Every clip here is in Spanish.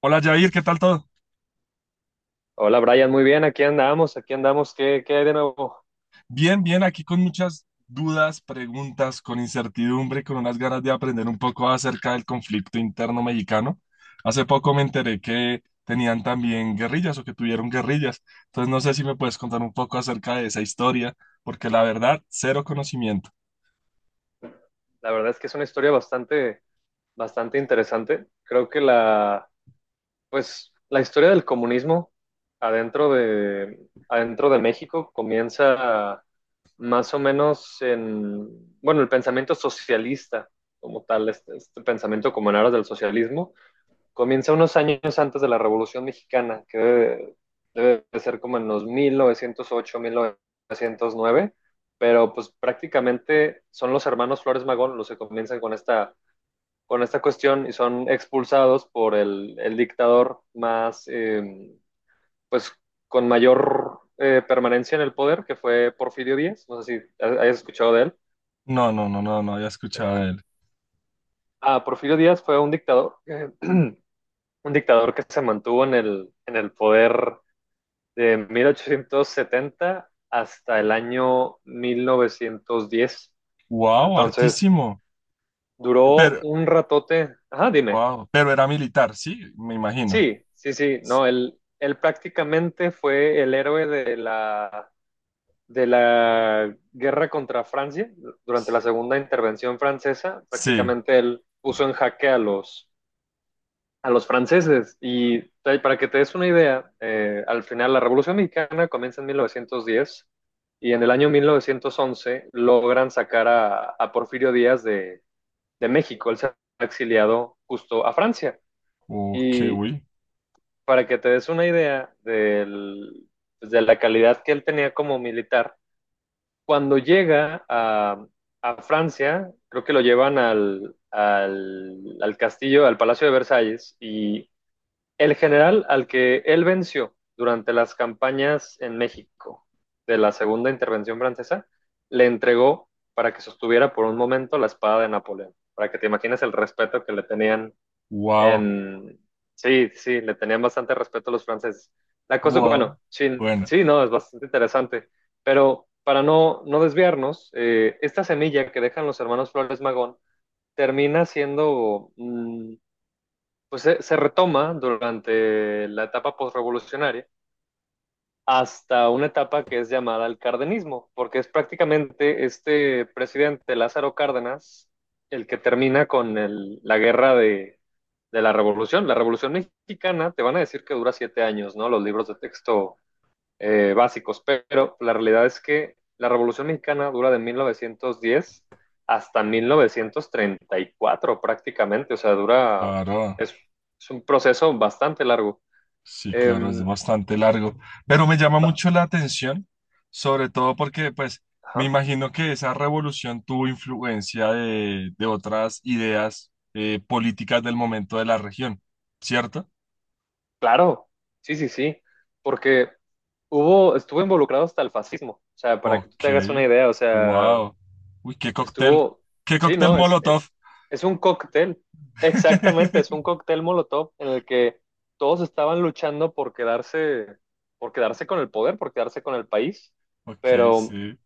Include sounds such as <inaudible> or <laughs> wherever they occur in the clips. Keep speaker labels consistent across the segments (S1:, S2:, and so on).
S1: Hola Jair, ¿qué tal todo?
S2: Hola Brian, muy bien, aquí andamos, ¿qué hay de nuevo?
S1: Bien, bien, aquí con muchas dudas, preguntas, con incertidumbre, con unas ganas de aprender un poco acerca del conflicto interno mexicano. Hace poco me enteré que tenían también guerrillas o que tuvieron guerrillas. Entonces no sé si me puedes contar un poco acerca de esa historia, porque la verdad, cero conocimiento.
S2: La verdad es que es una historia bastante, bastante interesante. Creo que pues, la historia del comunismo adentro de México comienza más o menos en, bueno, el pensamiento socialista como tal, este pensamiento como en aras del socialismo comienza unos años antes de la Revolución Mexicana, que debe de ser como en los 1908, 1909. Pero pues prácticamente son los hermanos Flores Magón los que comienzan con con esta cuestión y son expulsados por el dictador pues con mayor permanencia en el poder, que fue Porfirio Díaz. No sé si hayas escuchado de él.
S1: No, no, no, no, no había
S2: Eh,
S1: escuchado de él.
S2: Ah, Porfirio Díaz fue un dictador, <clears throat> un dictador que se mantuvo en en el poder de 1870 hasta el año 1910.
S1: Wow,
S2: Entonces,
S1: hartísimo.
S2: duró
S1: Pero,
S2: un ratote. Ajá, dime.
S1: wow, pero era militar, sí, me imagino.
S2: Sí, sí, sí, no, él prácticamente fue el héroe de de la guerra contra Francia durante la segunda intervención francesa.
S1: Sí.
S2: Prácticamente él puso en jaque a los franceses. Y para que te des una idea, al final la Revolución Mexicana comienza en 1910 y en el año 1911 logran sacar a Porfirio Díaz de México. Él se ha exiliado justo a Francia.
S1: Oh, qué
S2: Y
S1: uy.
S2: para que te des una idea pues, de la calidad que él tenía como militar, cuando llega a Francia, creo que lo llevan al castillo, al Palacio de Versalles, y el general al que él venció durante las campañas en México de la Segunda Intervención Francesa le entregó para que sostuviera por un momento la espada de Napoleón, para que te imagines el respeto que le tenían
S1: Wow.
S2: en... Sí, sí, le tenían bastante respeto a los franceses. La cosa,
S1: Wow.
S2: bueno, sí,
S1: Bueno,
S2: sí, no, es bastante interesante, pero para no desviarnos, esta semilla que dejan los hermanos Flores Magón termina siendo pues se retoma durante la etapa postrevolucionaria hasta una etapa que es llamada el cardenismo, porque es prácticamente este presidente Lázaro Cárdenas el que termina con el, la guerra de la revolución. La revolución mexicana, te van a decir que dura 7 años, ¿no? Los libros de texto básicos. Pero la realidad es que la Revolución Mexicana dura de 1910 hasta 1934 prácticamente, o sea,
S1: claro,
S2: es, es un proceso bastante largo.
S1: sí,
S2: Eh,
S1: claro, es bastante largo, pero me llama
S2: ba-
S1: mucho la atención, sobre todo porque, pues, me
S2: ajá,
S1: imagino que esa revolución tuvo influencia de otras ideas políticas del momento de la región, ¿cierto?
S2: claro, sí, sí, sí, porque estuvo involucrado hasta el fascismo, o sea, para que tú
S1: Ok,
S2: te hagas una idea, o sea,
S1: wow. Uy,
S2: Estuvo,
S1: qué
S2: sí,
S1: cóctel
S2: ¿no? Es, es,
S1: Molotov.
S2: es un cóctel, exactamente, es un
S1: <laughs>
S2: cóctel Molotov en el que todos estaban luchando por quedarse con el poder, por quedarse con el país.
S1: Ok,
S2: Pero
S1: sí,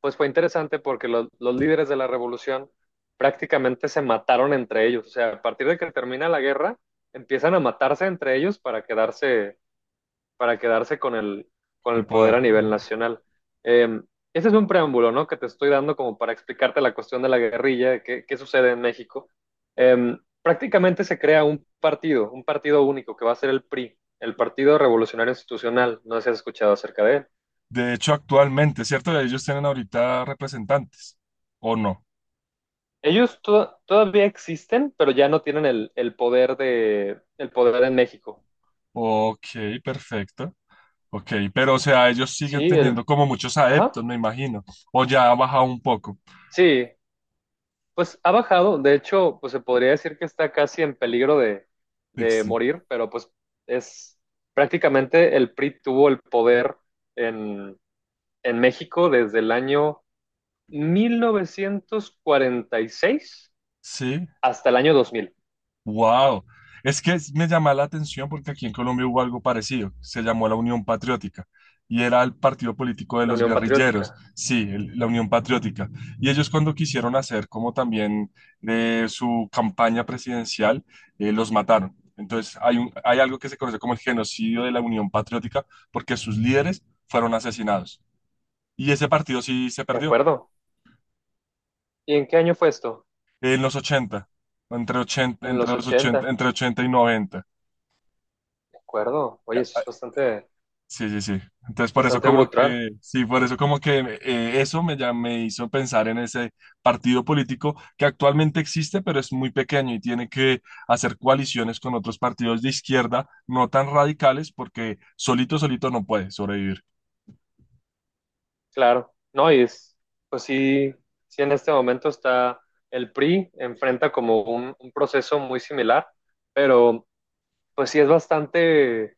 S2: pues fue interesante porque los líderes de la revolución prácticamente se mataron entre ellos, o sea, a partir de que termina la guerra, empiezan a matarse entre ellos para quedarse con con
S1: el
S2: el poder
S1: poder.
S2: a nivel nacional. Eh, Ese es un preámbulo, ¿no? Que te estoy dando como para explicarte la cuestión de la guerrilla, qué sucede en México. Prácticamente se crea un partido único que va a ser el PRI, el Partido Revolucionario Institucional. No sé si has escuchado acerca de él.
S1: De hecho, actualmente, ¿cierto? Ellos tienen ahorita representantes, ¿o no?
S2: Ellos todavía existen, pero ya no tienen el poder de, el poder en México.
S1: Ok, perfecto. Ok, pero o sea, ellos siguen
S2: Sí,
S1: teniendo como muchos
S2: ajá,
S1: adeptos, me imagino. O ya ha bajado un poco.
S2: sí. Pues ha bajado, de hecho, pues se podría decir que está casi en peligro de
S1: Dixie.
S2: morir, pero pues es prácticamente el PRI tuvo el poder en, en México desde el año 1946
S1: Sí.
S2: hasta el año 2000.
S1: Wow, es que me llama la atención porque aquí en Colombia hubo algo parecido, se llamó la Unión Patriótica y era el partido político de
S2: La
S1: los
S2: Unión
S1: guerrilleros,
S2: Patriótica,
S1: sí, la Unión Patriótica. Y ellos cuando quisieron hacer como también de su campaña presidencial, los mataron. Entonces hay algo que se conoce como el genocidio de la Unión Patriótica porque sus líderes fueron asesinados. Y ese partido sí se
S2: ¿de
S1: perdió
S2: acuerdo? ¿Y en qué año fue esto?
S1: en los ochenta
S2: En los
S1: entre los 80
S2: 80,
S1: entre 80 y 90.
S2: ¿de acuerdo? Oye,
S1: Ya,
S2: eso
S1: ah,
S2: es bastante,
S1: sí, sí, sí. Entonces por eso
S2: bastante
S1: como
S2: brutal.
S1: que, sí, por eso como que ya me hizo pensar en ese partido político que actualmente existe, pero es muy pequeño y tiene que hacer coaliciones con otros partidos de izquierda no tan radicales porque solito, solito no puede sobrevivir.
S2: Claro, no, y pues sí, sí en este momento está el PRI, enfrenta como un proceso muy similar, pero pues sí es bastante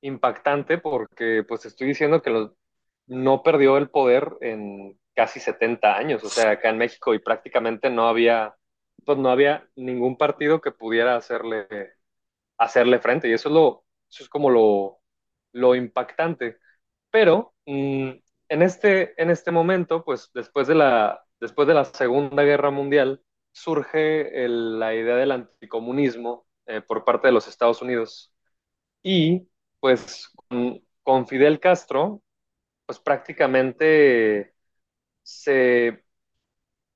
S2: impactante porque pues estoy diciendo que no perdió el poder en casi 70 años, o sea, acá en México y prácticamente pues no había ningún partido que pudiera hacerle frente. Y eso es lo, eso es como lo impactante, pero en en este momento, pues después después de la Segunda Guerra Mundial, surge la idea del anticomunismo por parte de los Estados Unidos. Y pues con Fidel Castro, pues prácticamente se,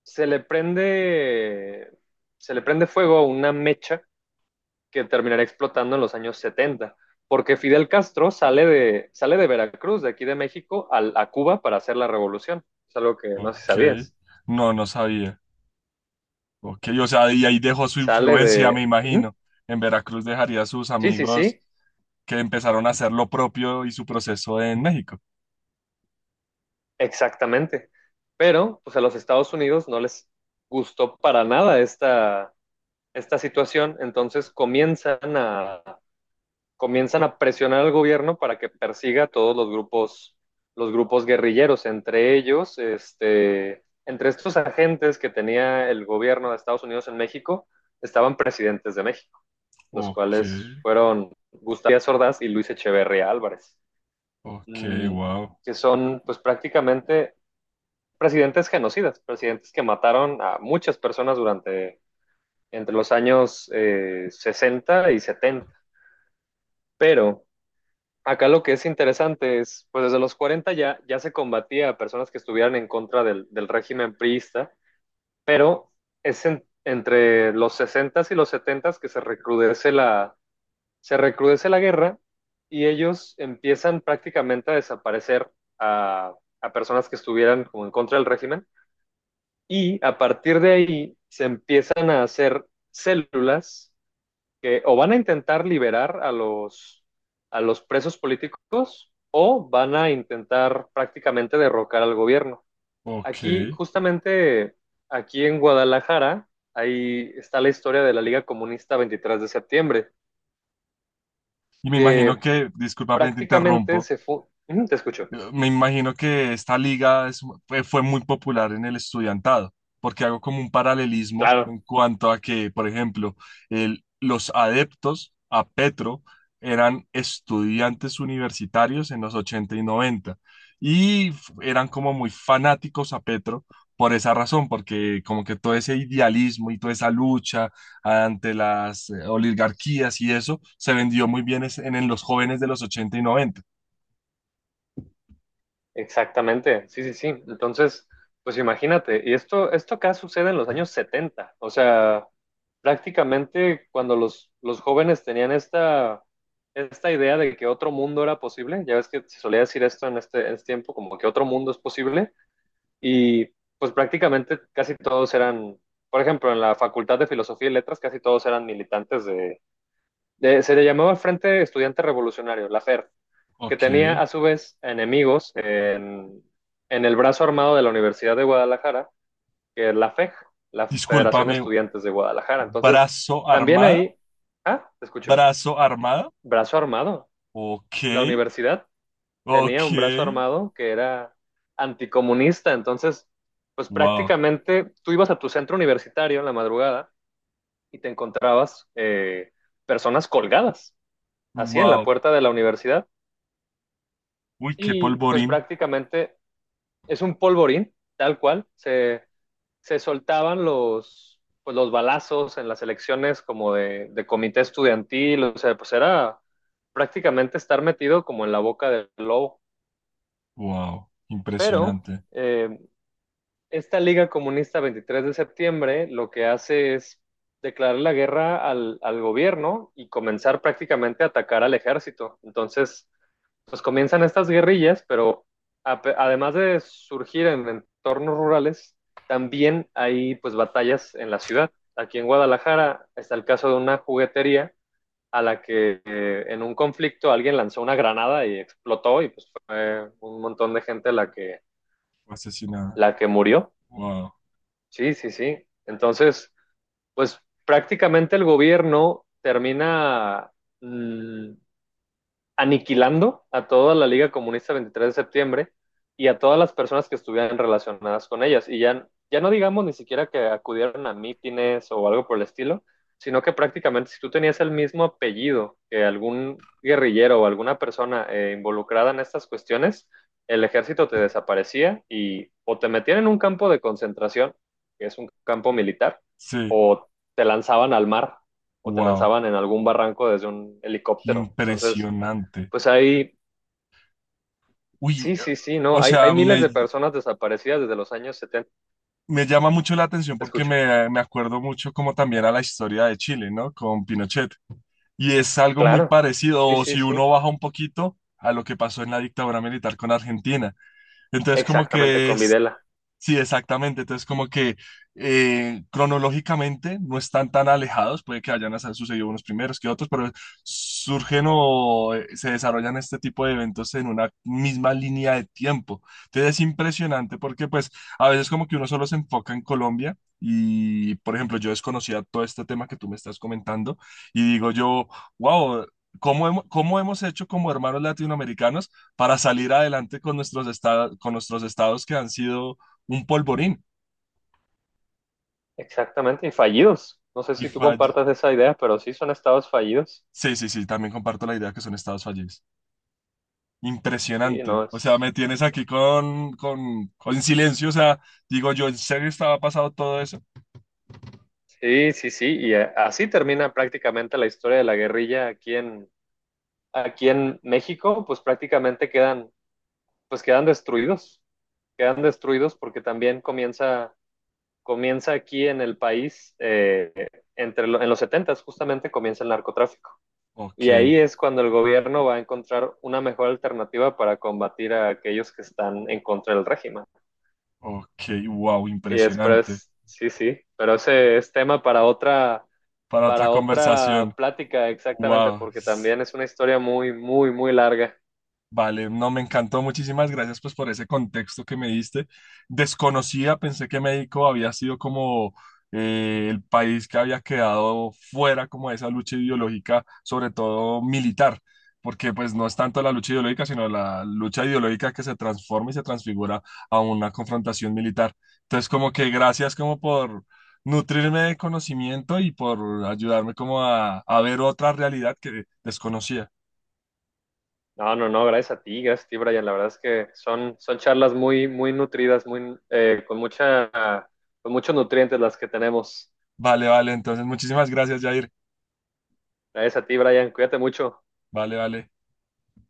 S2: se le prende, se le prende fuego a una mecha que terminará explotando en los años 70 porque Fidel Castro sale de Veracruz, de aquí de México, a Cuba para hacer la revolución. Es algo que no sé si
S1: Ok,
S2: sabías.
S1: no, no sabía. Ok, o sea, y ahí dejó su
S2: Sale
S1: influencia, me
S2: de... Ujú.
S1: imagino. En Veracruz dejaría a sus
S2: Sí, sí,
S1: amigos
S2: sí,
S1: que empezaron a hacer lo propio y su proceso en México.
S2: exactamente. Pero pues a los Estados Unidos no les gustó para nada esta situación. Entonces comienzan a presionar al gobierno para que persiga a todos los grupos guerrilleros. Entre ellos, entre estos agentes que tenía el gobierno de Estados Unidos en México, estaban presidentes de México, los
S1: Ok,
S2: cuales fueron Gustavo Díaz Ordaz y Luis Echeverría Álvarez,
S1: ok,
S2: mm,
S1: wow,
S2: que son pues prácticamente presidentes genocidas, presidentes que mataron a muchas personas durante entre los años 60 y 70. Pero acá lo que es interesante es, pues desde los 40 ya se combatía a personas que estuvieran en contra del régimen priista, pero es entre los 60s y los 70s que se recrudece la guerra, y ellos empiezan prácticamente a desaparecer a, a personas que estuvieran como en contra del régimen, y a partir de ahí se empiezan a hacer células que o van a intentar liberar a a los presos políticos o van a intentar prácticamente derrocar al gobierno. Aquí,
S1: ok.
S2: justamente aquí en Guadalajara, ahí está la historia de la Liga Comunista 23 de septiembre,
S1: Y me imagino
S2: que
S1: que, disculpa, te
S2: prácticamente
S1: interrumpo.
S2: se fue... <clears throat> Te escucho.
S1: Me imagino que esta liga fue muy popular en el estudiantado, porque hago como un paralelismo
S2: Claro.
S1: en cuanto a que, por ejemplo, los adeptos a Petro eran estudiantes universitarios en los 80 y 90 y eran como muy fanáticos a Petro por esa razón, porque como que todo ese idealismo y toda esa lucha ante las oligarquías y eso se vendió muy bien en los jóvenes de los 80 y noventa.
S2: Exactamente, sí, sí, sí. Entonces, pues imagínate, y esto acá sucede en los años 70. O sea, prácticamente cuando los jóvenes tenían esta idea de que otro mundo era posible. Ya ves que se solía decir esto en en este tiempo, como que otro mundo es posible, y pues prácticamente casi todos eran, por ejemplo, en la Facultad de Filosofía y Letras, casi todos eran militantes se le llamaba el Frente Estudiante Revolucionario, la FER, que
S1: Ok.
S2: tenía a su vez enemigos en el brazo armado de la Universidad de Guadalajara, que es la FEG, la Federación de
S1: Discúlpame,
S2: Estudiantes de Guadalajara. Entonces,
S1: brazo
S2: también
S1: armada,
S2: ahí, ah, te escucho,
S1: brazo armada.
S2: brazo armado.
S1: Ok,
S2: La universidad tenía
S1: ok,
S2: un brazo armado que era anticomunista. Entonces, pues
S1: wow,
S2: prácticamente tú ibas a tu centro universitario en la madrugada y te encontrabas personas colgadas, así en la
S1: wow.
S2: puerta de la universidad,
S1: Uy, qué
S2: y pues
S1: polvorín.
S2: prácticamente es un polvorín, tal cual. Se soltaban pues, los balazos en las elecciones como de comité estudiantil, o sea, pues era prácticamente estar metido como en la boca del lobo.
S1: Wow,
S2: Pero
S1: impresionante.
S2: eh, esta Liga Comunista 23 de septiembre lo que hace es declarar la guerra al gobierno y comenzar prácticamente a atacar al ejército. Entonces, pues comienzan estas guerrillas, pero además de surgir en entornos rurales, también hay pues batallas en la ciudad. Aquí en Guadalajara está el caso de una juguetería a la que en un conflicto alguien lanzó una granada y explotó, y pues fue un montón de gente
S1: Fue asesinada.
S2: la que murió.
S1: Wow,
S2: Sí, sí, sí. Entonces, pues prácticamente el gobierno termina mm, aniquilando a toda la Liga Comunista 23 de septiembre y a todas las personas que estuvieran relacionadas con ellas. Y ya, ya no digamos ni siquiera que acudieron a mítines o algo por el estilo, sino que prácticamente si tú tenías el mismo apellido que algún guerrillero o alguna persona involucrada en estas cuestiones, el ejército te desaparecía, y o te metían en un campo de concentración, que es un campo militar,
S1: sí,
S2: o te lanzaban al mar o te
S1: wow,
S2: lanzaban en algún barranco desde un helicóptero. Entonces,
S1: impresionante.
S2: pues
S1: Uy,
S2: sí, sí, sí, no,
S1: o
S2: hay
S1: sea,
S2: miles
S1: me,
S2: de personas desaparecidas desde los años 70.
S1: me llama mucho la atención
S2: Te
S1: porque
S2: escucho.
S1: me acuerdo mucho como también a la historia de Chile, ¿no? Con Pinochet. Y es algo muy
S2: Claro,
S1: parecido,
S2: sí,
S1: o
S2: sí,
S1: si uno
S2: sí,
S1: baja un poquito a lo que pasó en la dictadura militar con Argentina. Entonces, como
S2: exactamente,
S1: que
S2: con
S1: es,
S2: Videla,
S1: sí, exactamente. Entonces, como que cronológicamente no están tan alejados, puede que hayan hasta sucedido unos primeros que otros, pero surgen o se desarrollan este tipo de eventos en una misma línea de tiempo. Entonces, es impresionante porque pues a veces como que uno solo se enfoca en Colombia y, por ejemplo, yo desconocía todo este tema que tú me estás comentando y digo yo, wow. ¿Cómo hemos hecho como hermanos latinoamericanos para salir adelante con nuestros estados que han sido un polvorín
S2: exactamente, y fallidos. No sé
S1: y
S2: si tú
S1: falle.
S2: compartas esa idea, pero sí son estados fallidos.
S1: Sí, sí, sí, también comparto la idea que son estados fallidos.
S2: Sí, no
S1: Impresionante. O sea,
S2: es.
S1: me tienes aquí con silencio. O sea, digo yo, ¿en serio estaba pasado todo eso?
S2: Sí, sí, sí, y así termina prácticamente la historia de la guerrilla aquí aquí en México, pues prácticamente quedan, pues quedan destruidos porque también comienza aquí en el país, entre en los 70s justamente comienza el narcotráfico.
S1: Ok,
S2: Y ahí es cuando el gobierno va a encontrar una mejor alternativa para combatir a aquellos que están en contra del régimen.
S1: ok, wow,
S2: Y
S1: impresionante.
S2: después, sí, sí, pero ese es tema para
S1: Para otra
S2: para
S1: conversación.
S2: otra plática, exactamente,
S1: Wow.
S2: porque también es una historia muy, muy, muy larga.
S1: Vale, no, me encantó. Muchísimas gracias pues por ese contexto que me diste. Desconocía, pensé que México había sido como el país que había quedado fuera como de esa lucha ideológica, sobre todo militar, porque pues no es tanto la lucha ideológica, sino la lucha ideológica que se transforma y se transfigura a una confrontación militar. Entonces, como que gracias como por nutrirme de conocimiento y por ayudarme como a ver otra realidad que desconocía.
S2: No, no, no, gracias a ti, Brian. La verdad es que son charlas muy, muy nutridas, con muchos nutrientes las que tenemos.
S1: Vale, vale, entonces muchísimas gracias, Jair.
S2: Gracias a ti, Brian. Cuídate mucho.
S1: Vale, vale.